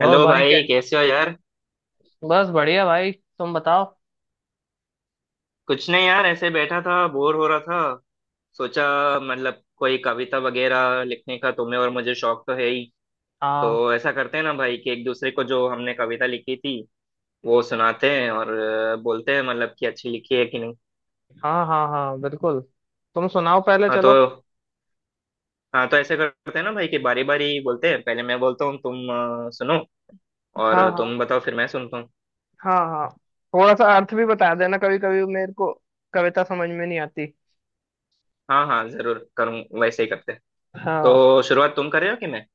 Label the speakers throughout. Speaker 1: और
Speaker 2: हेलो
Speaker 1: भाई के
Speaker 2: भाई, कैसे हो यार।
Speaker 1: बस बढ़िया भाई। तुम बताओ।
Speaker 2: कुछ नहीं यार, ऐसे बैठा था, बोर हो रहा था। सोचा, मतलब कोई कविता वगैरह लिखने का तुम्हें और मुझे शौक तो है ही।
Speaker 1: हाँ
Speaker 2: तो ऐसा करते हैं ना भाई कि एक दूसरे को जो हमने कविता लिखी थी वो सुनाते हैं और बोलते हैं मतलब कि अच्छी लिखी है कि नहीं।
Speaker 1: हाँ हाँ हाँ बिल्कुल। तुम सुनाओ पहले
Speaker 2: हाँ तो।
Speaker 1: चलो।
Speaker 2: हाँ तो ऐसे करते हैं ना भाई कि बारी बारी बोलते हैं, पहले मैं बोलता हूँ, तुम सुनो।
Speaker 1: हाँ
Speaker 2: और
Speaker 1: हाँ
Speaker 2: तुम बताओ, फिर मैं सुनता हूँ।
Speaker 1: हाँ हाँ। थोड़ा सा अर्थ भी बता देना कभी कभी मेरे को। कविता समझ में नहीं आती।
Speaker 2: हाँ हाँ जरूर करूँ, वैसे ही करते हैं।
Speaker 1: हाँ।
Speaker 2: तो शुरुआत तुम कर रहे हो कि मैं?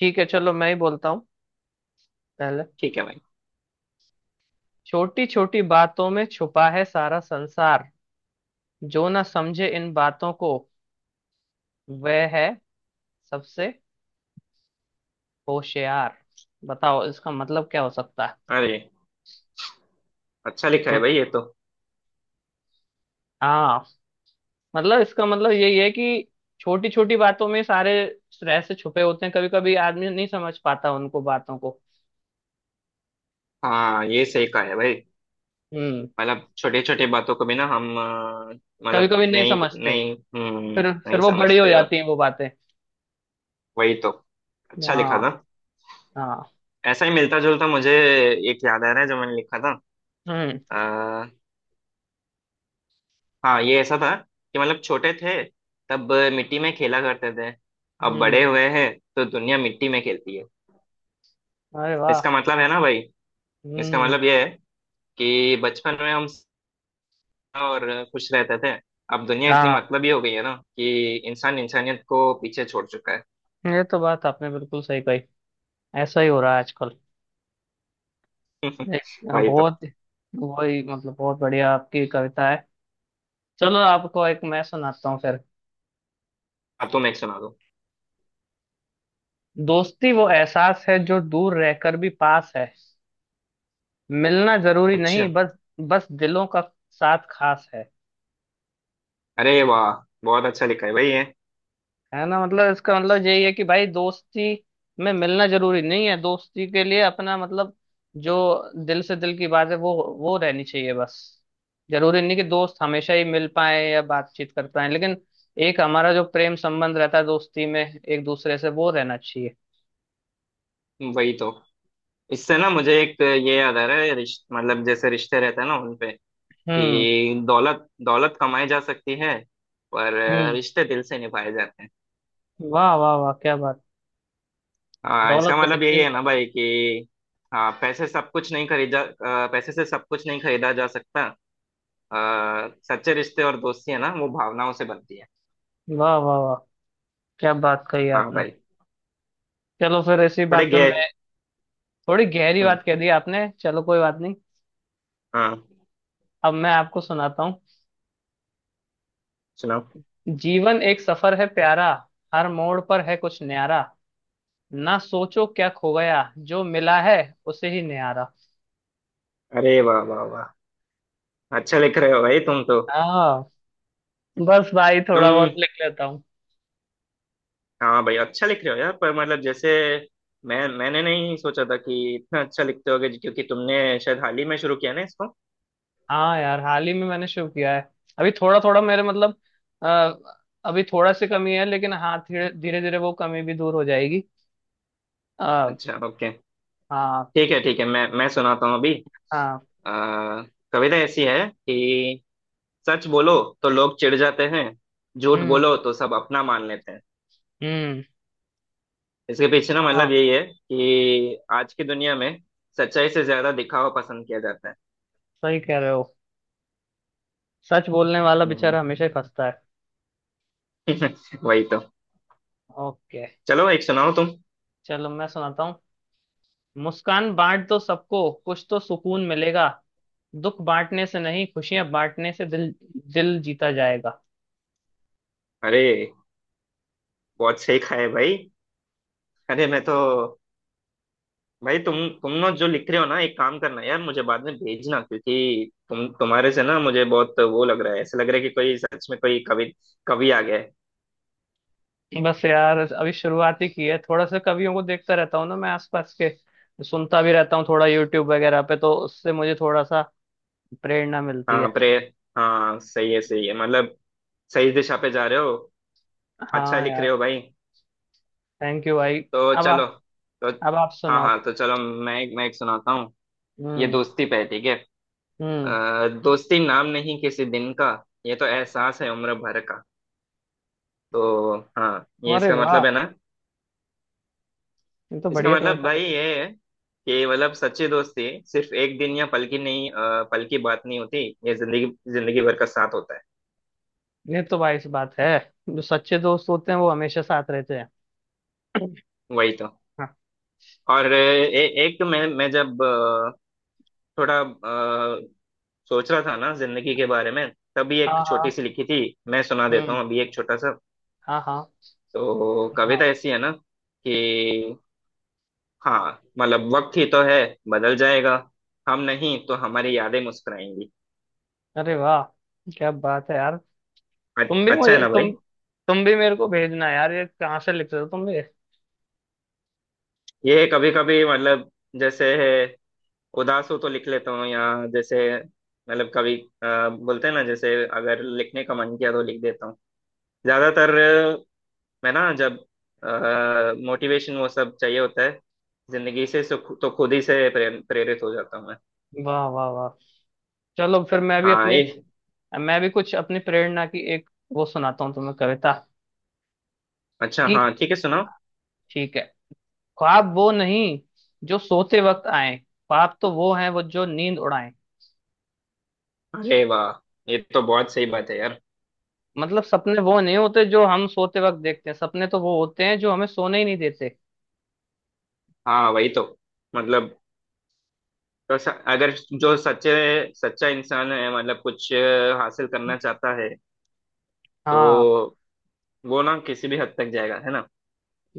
Speaker 1: ठीक है चलो मैं ही बोलता हूँ पहले।
Speaker 2: ठीक है भाई।
Speaker 1: छोटी छोटी बातों में छुपा है सारा संसार। जो ना समझे इन बातों को वह है सबसे होशियार। बताओ इसका मतलब क्या हो सकता है।
Speaker 2: अरे, अच्छा लिखा है
Speaker 1: तुम।
Speaker 2: भाई ये तो।
Speaker 1: हाँ। मतलब इसका मतलब यही है कि छोटी छोटी बातों में सारे रहस्य छुपे होते हैं। कभी कभी आदमी नहीं समझ पाता उनको बातों को।
Speaker 2: हाँ ये सही कहा है भाई।
Speaker 1: हम्म।
Speaker 2: मतलब छोटे छोटे बातों को भी ना हम
Speaker 1: कभी
Speaker 2: मतलब
Speaker 1: कभी नहीं
Speaker 2: नहीं।
Speaker 1: समझते।
Speaker 2: नहीं। हम्म।
Speaker 1: फिर
Speaker 2: नहीं
Speaker 1: वो बड़ी हो
Speaker 2: समझते हो।
Speaker 1: जाती हैं वो बातें।
Speaker 2: वही तो। अच्छा लिखा
Speaker 1: हाँ
Speaker 2: था।
Speaker 1: हाँ।
Speaker 2: ऐसा ही मिलता जुलता मुझे एक याद आ रहा है जो मैंने लिखा था।
Speaker 1: हम्म
Speaker 2: आ, हाँ ये ऐसा था कि मतलब छोटे थे, तब मिट्टी में खेला करते थे। अब
Speaker 1: हम्म।
Speaker 2: बड़े हुए हैं, तो दुनिया मिट्टी में खेलती है।
Speaker 1: अरे वाह।
Speaker 2: इसका मतलब है ना भाई, इसका
Speaker 1: हम्म।
Speaker 2: मतलब ये है कि बचपन में हम और खुश रहते थे। अब दुनिया इतनी
Speaker 1: हाँ
Speaker 2: मतलबी हो गई है ना कि इंसान इंसानियत को पीछे छोड़ चुका है।
Speaker 1: ये तो बात आपने बिल्कुल सही कही। ऐसा ही हो रहा है आजकल। एक
Speaker 2: वही तो।
Speaker 1: बहुत। वही मतलब बहुत बढ़िया आपकी कविता है। चलो आपको एक मैं सुनाता हूँ फिर।
Speaker 2: अब तुम एक सुना दो।
Speaker 1: दोस्ती वो एहसास है जो दूर रहकर भी पास है। मिलना जरूरी नहीं,
Speaker 2: अच्छा।
Speaker 1: बस बस दिलों का साथ खास है।
Speaker 2: अरे वाह, बहुत अच्छा लिखा है भाई ये।
Speaker 1: है ना? मतलब इसका मतलब यही है कि भाई दोस्ती में मिलना जरूरी नहीं है। दोस्ती के लिए अपना मतलब जो दिल से दिल की बात है वो रहनी चाहिए बस। जरूरी नहीं कि दोस्त हमेशा ही मिल पाए या बातचीत कर पाए, लेकिन एक हमारा जो प्रेम संबंध रहता है दोस्ती में एक दूसरे से वो रहना चाहिए।
Speaker 2: वही तो। इससे ना मुझे एक ये याद आ रहा है, मतलब जैसे रिश्ते रहते हैं ना उनपे
Speaker 1: हम्म
Speaker 2: कि दौलत दौलत कमाई जा सकती है, पर
Speaker 1: हम्म।
Speaker 2: रिश्ते दिल से निभाए जाते हैं।
Speaker 1: वाह वाह वाह क्या बात।
Speaker 2: हाँ
Speaker 1: दौलत
Speaker 2: इसका
Speaker 1: तो
Speaker 2: मतलब
Speaker 1: कितने
Speaker 2: यही
Speaker 1: ही
Speaker 2: है ना
Speaker 1: का है।
Speaker 2: भाई कि हाँ पैसे सब कुछ नहीं खरीदा, पैसे से सब कुछ नहीं खरीदा जा सकता। सच्चे रिश्ते और दोस्ती है ना वो भावनाओं से बनती है।
Speaker 1: वाह वाह वाह क्या बात कही
Speaker 2: हाँ
Speaker 1: आपने।
Speaker 2: भाई।
Speaker 1: चलो फिर इसी
Speaker 2: थोड़े
Speaker 1: बात पे
Speaker 2: गए।
Speaker 1: मैं थोड़ी गहरी
Speaker 2: हम्म।
Speaker 1: बात कह दी आपने। चलो कोई बात नहीं।
Speaker 2: हाँ।
Speaker 1: अब मैं आपको सुनाता हूँ।
Speaker 2: सुनाओ।
Speaker 1: जीवन एक सफर है प्यारा। हर मोड़ पर है कुछ न्यारा। ना सोचो क्या खो गया, जो मिला है उसे ही न्यारा।
Speaker 2: अरे वाह वाह वाह, अच्छा लिख रहे हो भाई तुम तो।
Speaker 1: हाँ। बस भाई थोड़ा
Speaker 2: तुम।
Speaker 1: बहुत लिख लेता हूँ।
Speaker 2: हाँ भाई अच्छा लिख रहे हो यार, पर मतलब जैसे मैंने नहीं सोचा था कि इतना अच्छा लिखते होगे, क्योंकि तुमने शायद हाल ही में शुरू किया ना इसको।
Speaker 1: हाँ यार हाल ही में मैंने शुरू किया है। अभी थोड़ा थोड़ा मेरे मतलब आ, अभी थोड़ा सी कमी है, लेकिन हाँ धीरे धीरे धीरे वो कमी भी दूर हो जाएगी। आ,
Speaker 2: अच्छा ओके।
Speaker 1: हाँ
Speaker 2: ठीक है मैं सुनाता हूँ अभी।
Speaker 1: हाँ।
Speaker 2: आ, कविता ऐसी है कि सच बोलो तो लोग चिढ़ जाते हैं, झूठ
Speaker 1: हम्म
Speaker 2: बोलो तो सब अपना मान लेते हैं।
Speaker 1: हम्म।
Speaker 2: इसके पीछे ना
Speaker 1: हाँ
Speaker 2: मतलब यही है कि आज की दुनिया में सच्चाई से ज्यादा दिखावा पसंद किया जाता है।
Speaker 1: सही कह रहे हो। सच बोलने वाला
Speaker 2: हम्म।
Speaker 1: बेचारा हमेशा ही फंसता है।
Speaker 2: वही तो।
Speaker 1: ओके।
Speaker 2: चलो एक सुनाओ तुम।
Speaker 1: चलो मैं सुनाता हूँ। मुस्कान बांट दो सबको कुछ तो सुकून मिलेगा। दुख बांटने से नहीं, खुशियां बांटने से दिल दिल जीता जाएगा।
Speaker 2: अरे बहुत सही खाए भाई। अरे मैं तो। भाई तुम ना जो लिख रहे हो ना, एक काम करना यार, मुझे बाद में भेजना, क्योंकि तुम्हारे से ना मुझे बहुत वो लग रहा है, ऐसा लग रहा है कि कोई सच में कोई कवि कवि आ गया है।
Speaker 1: बस यार अभी शुरुआत ही की है। थोड़ा सा कवियों को देखता रहता हूँ ना मैं आसपास के। सुनता भी रहता हूँ थोड़ा यूट्यूब वगैरह पे, तो उससे मुझे थोड़ा सा प्रेरणा मिलती
Speaker 2: हाँ
Speaker 1: है।
Speaker 2: प्रेर हाँ सही है सही है, मतलब सही दिशा पे जा रहे हो। अच्छा
Speaker 1: हाँ
Speaker 2: लिख
Speaker 1: यार।
Speaker 2: रहे हो भाई।
Speaker 1: थैंक यू भाई।
Speaker 2: तो
Speaker 1: अब
Speaker 2: चलो।
Speaker 1: आप
Speaker 2: तो
Speaker 1: अब आप
Speaker 2: हाँ
Speaker 1: सुनाओ।
Speaker 2: हाँ, तो चलो मैं एक सुनाता हूँ। ये
Speaker 1: हम्म
Speaker 2: दोस्ती पे है, ठीक है।
Speaker 1: हम्म।
Speaker 2: दोस्ती नाम नहीं किसी दिन का, ये तो एहसास है उम्र भर का। तो हाँ ये,
Speaker 1: अरे
Speaker 2: इसका
Speaker 1: वाह
Speaker 2: मतलब है ना।
Speaker 1: ये तो
Speaker 2: इसका
Speaker 1: बढ़िया
Speaker 2: मतलब
Speaker 1: कविता
Speaker 2: भाई
Speaker 1: लग
Speaker 2: ये है कि मतलब सच्ची दोस्ती सिर्फ एक दिन या पल की नहीं, पल की बात नहीं होती, ये जिंदगी जिंदगी भर का साथ होता है।
Speaker 1: ये तो भाई सी बात है। जो सच्चे दोस्त होते हैं वो हमेशा साथ रहते हैं।
Speaker 2: वही तो।
Speaker 1: हाँ।
Speaker 2: और एक मैं जब थोड़ा सोच रहा था ना जिंदगी के बारे में, तभी एक
Speaker 1: हाँ।
Speaker 2: छोटी
Speaker 1: हाँ।
Speaker 2: सी लिखी थी। मैं सुना देता हूँ
Speaker 1: हम्म।
Speaker 2: अभी एक छोटा सा।
Speaker 1: हाँ हाँ।
Speaker 2: तो
Speaker 1: सुनाओ।
Speaker 2: कविता ऐसी है ना कि हाँ मतलब वक्त ही तो है, बदल जाएगा। हम नहीं तो हमारी यादें मुस्कुराएंगी।
Speaker 1: अरे वाह क्या बात है यार।
Speaker 2: अ-
Speaker 1: तुम भी
Speaker 2: अच्छा है
Speaker 1: मुझे
Speaker 2: ना
Speaker 1: तुम
Speaker 2: भाई।
Speaker 1: तुम भी मेरे को भेजना यार। ये कहाँ से लिख रहे हो तुम भी।
Speaker 2: ये कभी कभी मतलब, जैसे उदास हो तो लिख लेता हूँ, या जैसे मतलब कभी बोलते हैं ना, जैसे अगर लिखने का मन किया तो लिख देता हूँ। ज्यादातर मैं ना जब मोटिवेशन वो सब चाहिए होता है, जिंदगी से तो खुद ही से प्रेरित हो जाता हूँ मैं।
Speaker 1: वाह वाह वाह। चलो फिर मैं भी
Speaker 2: हाँ
Speaker 1: अपने
Speaker 2: ये।
Speaker 1: मैं भी कुछ अपनी प्रेरणा की एक वो सुनाता हूँ तुम्हें कविता।
Speaker 2: अच्छा
Speaker 1: कि
Speaker 2: हाँ ठीक है, सुनाओ।
Speaker 1: ठीक है। ख्वाब वो नहीं जो सोते वक्त आए। ख्वाब तो वो हैं वो जो नींद उड़ाएं।
Speaker 2: अरे वाह, ये तो बहुत सही बात है यार।
Speaker 1: मतलब सपने वो नहीं होते जो हम सोते वक्त देखते हैं। सपने तो वो होते हैं जो हमें सोने ही नहीं देते।
Speaker 2: हाँ वही तो। मतलब तो अगर जो सच्चे सच्चा इंसान है, मतलब कुछ हासिल करना चाहता है,
Speaker 1: हाँ
Speaker 2: तो वो ना किसी भी हद तक जाएगा, है ना।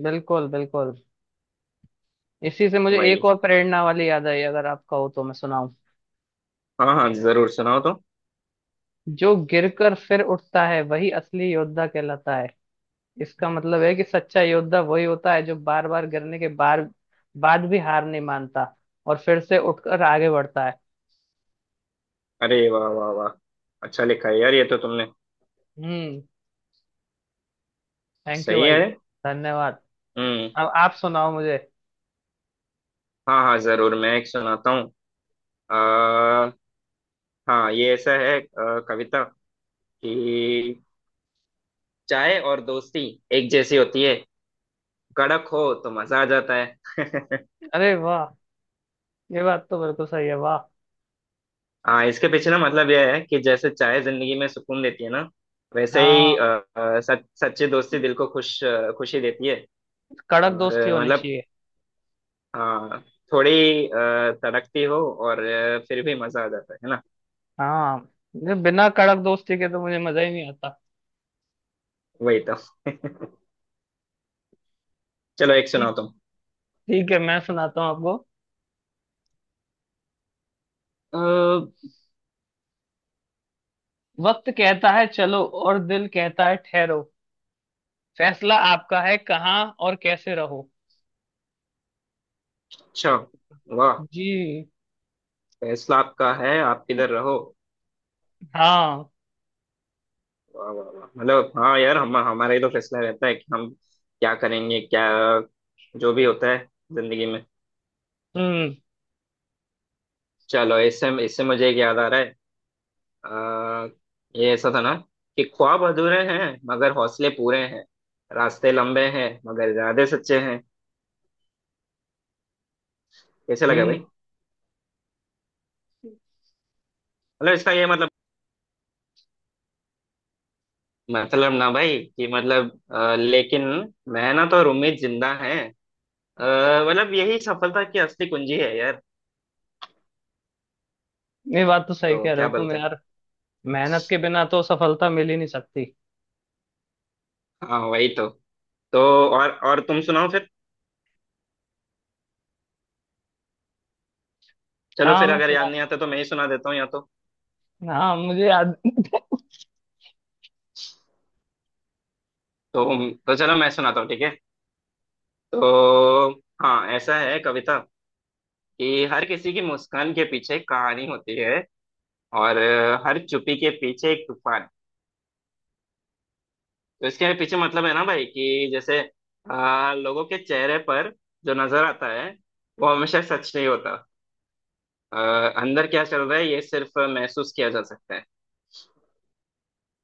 Speaker 1: बिल्कुल बिल्कुल। इसी से मुझे
Speaker 2: वही।
Speaker 1: एक और प्रेरणा वाली याद आई। अगर आपका हो तो मैं सुनाऊं।
Speaker 2: हाँ हाँ जरूर, सुनाओ तो।
Speaker 1: जो गिरकर फिर उठता है वही असली योद्धा कहलाता है। इसका मतलब है कि सच्चा योद्धा वही होता है जो बार बार गिरने के बार बाद भी हार नहीं मानता और फिर से उठकर आगे बढ़ता है।
Speaker 2: अरे वाह वाह वाह, अच्छा लिखा है यार ये तो तुमने।
Speaker 1: हम्म। थैंक यू
Speaker 2: सही
Speaker 1: भाई।
Speaker 2: है।
Speaker 1: धन्यवाद।
Speaker 2: हम्म।
Speaker 1: अब आप सुनाओ मुझे।
Speaker 2: हाँ हाँ जरूर, मैं एक सुनाता हूँ। आ, हाँ ये ऐसा है, कविता कि चाय और दोस्ती एक जैसी होती है, कड़क हो तो मजा आ जाता है।
Speaker 1: अरे वाह। ये बात तो बिल्कुल सही है वाह।
Speaker 2: हाँ इसके पीछे ना मतलब यह है कि जैसे चाय जिंदगी में सुकून देती है ना, वैसे
Speaker 1: हाँ।
Speaker 2: ही सच्ची दोस्ती दिल को खुश खुशी देती है।
Speaker 1: कड़क
Speaker 2: और
Speaker 1: दोस्ती होनी
Speaker 2: मतलब
Speaker 1: चाहिए।
Speaker 2: हाँ, थोड़ी तड़कती हो और फिर भी मजा आ जाता है ना।
Speaker 1: हाँ ये बिना कड़क दोस्ती के तो मुझे मजा ही नहीं आता।
Speaker 2: वही तो। चलो एक
Speaker 1: ठीक
Speaker 2: सुनाओ तुम।
Speaker 1: ठीक है मैं सुनाता हूँ आपको। अ, वक्त कहता है चलो और दिल कहता है ठहरो। फैसला आपका है कहाँ और कैसे रहो।
Speaker 2: अच्छा। वाह।
Speaker 1: जी।
Speaker 2: फैसला आपका है, आप किधर रहो।
Speaker 1: हाँ।
Speaker 2: वाह वाह वाह, मतलब हाँ यार हम, हमारा ही तो फैसला रहता है कि हम क्या करेंगे, क्या जो भी होता है जिंदगी में।
Speaker 1: हम्म
Speaker 2: चलो इससे इससे मुझे एक याद आ रहा है। अ, ये ऐसा था ना कि ख्वाब अधूरे हैं मगर हौसले पूरे हैं, रास्ते लंबे हैं मगर इरादे सच्चे हैं। कैसे लगा
Speaker 1: हम्म।
Speaker 2: भाई? मतलब इसका ये मतलब, मतलब ना भाई कि मतलब लेकिन मेहनत और उम्मीद जिंदा है, मतलब यही सफलता की असली कुंजी है यार।
Speaker 1: ये बात तो सही
Speaker 2: तो
Speaker 1: कह रहे
Speaker 2: क्या
Speaker 1: हो तुम
Speaker 2: बोलते हैं?
Speaker 1: यार। मेहनत के बिना तो सफलता मिल ही नहीं सकती।
Speaker 2: हाँ वही तो। तो और तुम सुनाओ फिर। चलो
Speaker 1: हाँ
Speaker 2: फिर,
Speaker 1: मैं
Speaker 2: अगर याद
Speaker 1: सुना
Speaker 2: नहीं आता तो मैं ही सुना देता हूँ या तो।
Speaker 1: हाँ मुझे याद
Speaker 2: तो तो चलो मैं सुनाता हूँ, ठीक है। तो हाँ ऐसा है कविता कि हर किसी की मुस्कान के पीछे एक कहानी होती है, और हर चुप्पी के पीछे एक तूफान। तो इसके पीछे मतलब है ना भाई कि जैसे लोगों के चेहरे पर जो नजर आता है वो हमेशा सच नहीं होता। अ, अंदर क्या चल रहा है, ये सिर्फ महसूस किया जा सकता है।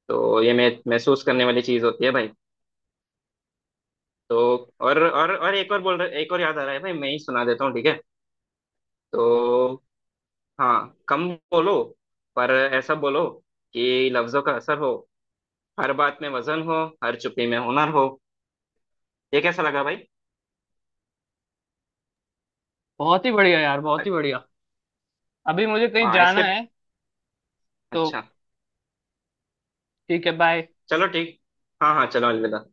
Speaker 2: तो ये महसूस करने वाली चीज होती है भाई। तो और एक और बोल रहे, एक और याद आ रहा है भाई, मैं ही सुना देता हूँ ठीक है। तो हाँ, कम बोलो पर ऐसा बोलो कि लफ्जों का असर हो, हर बात में वजन हो, हर चुप्पी में हुनर हो। ये कैसा लगा भाई?
Speaker 1: बहुत ही बढ़िया यार बहुत ही बढ़िया। अभी मुझे कहीं
Speaker 2: हाँ इसके।
Speaker 1: जाना है तो
Speaker 2: अच्छा।
Speaker 1: ठीक है बाय।
Speaker 2: चलो ठीक। हाँ हाँ चलो अलविदा।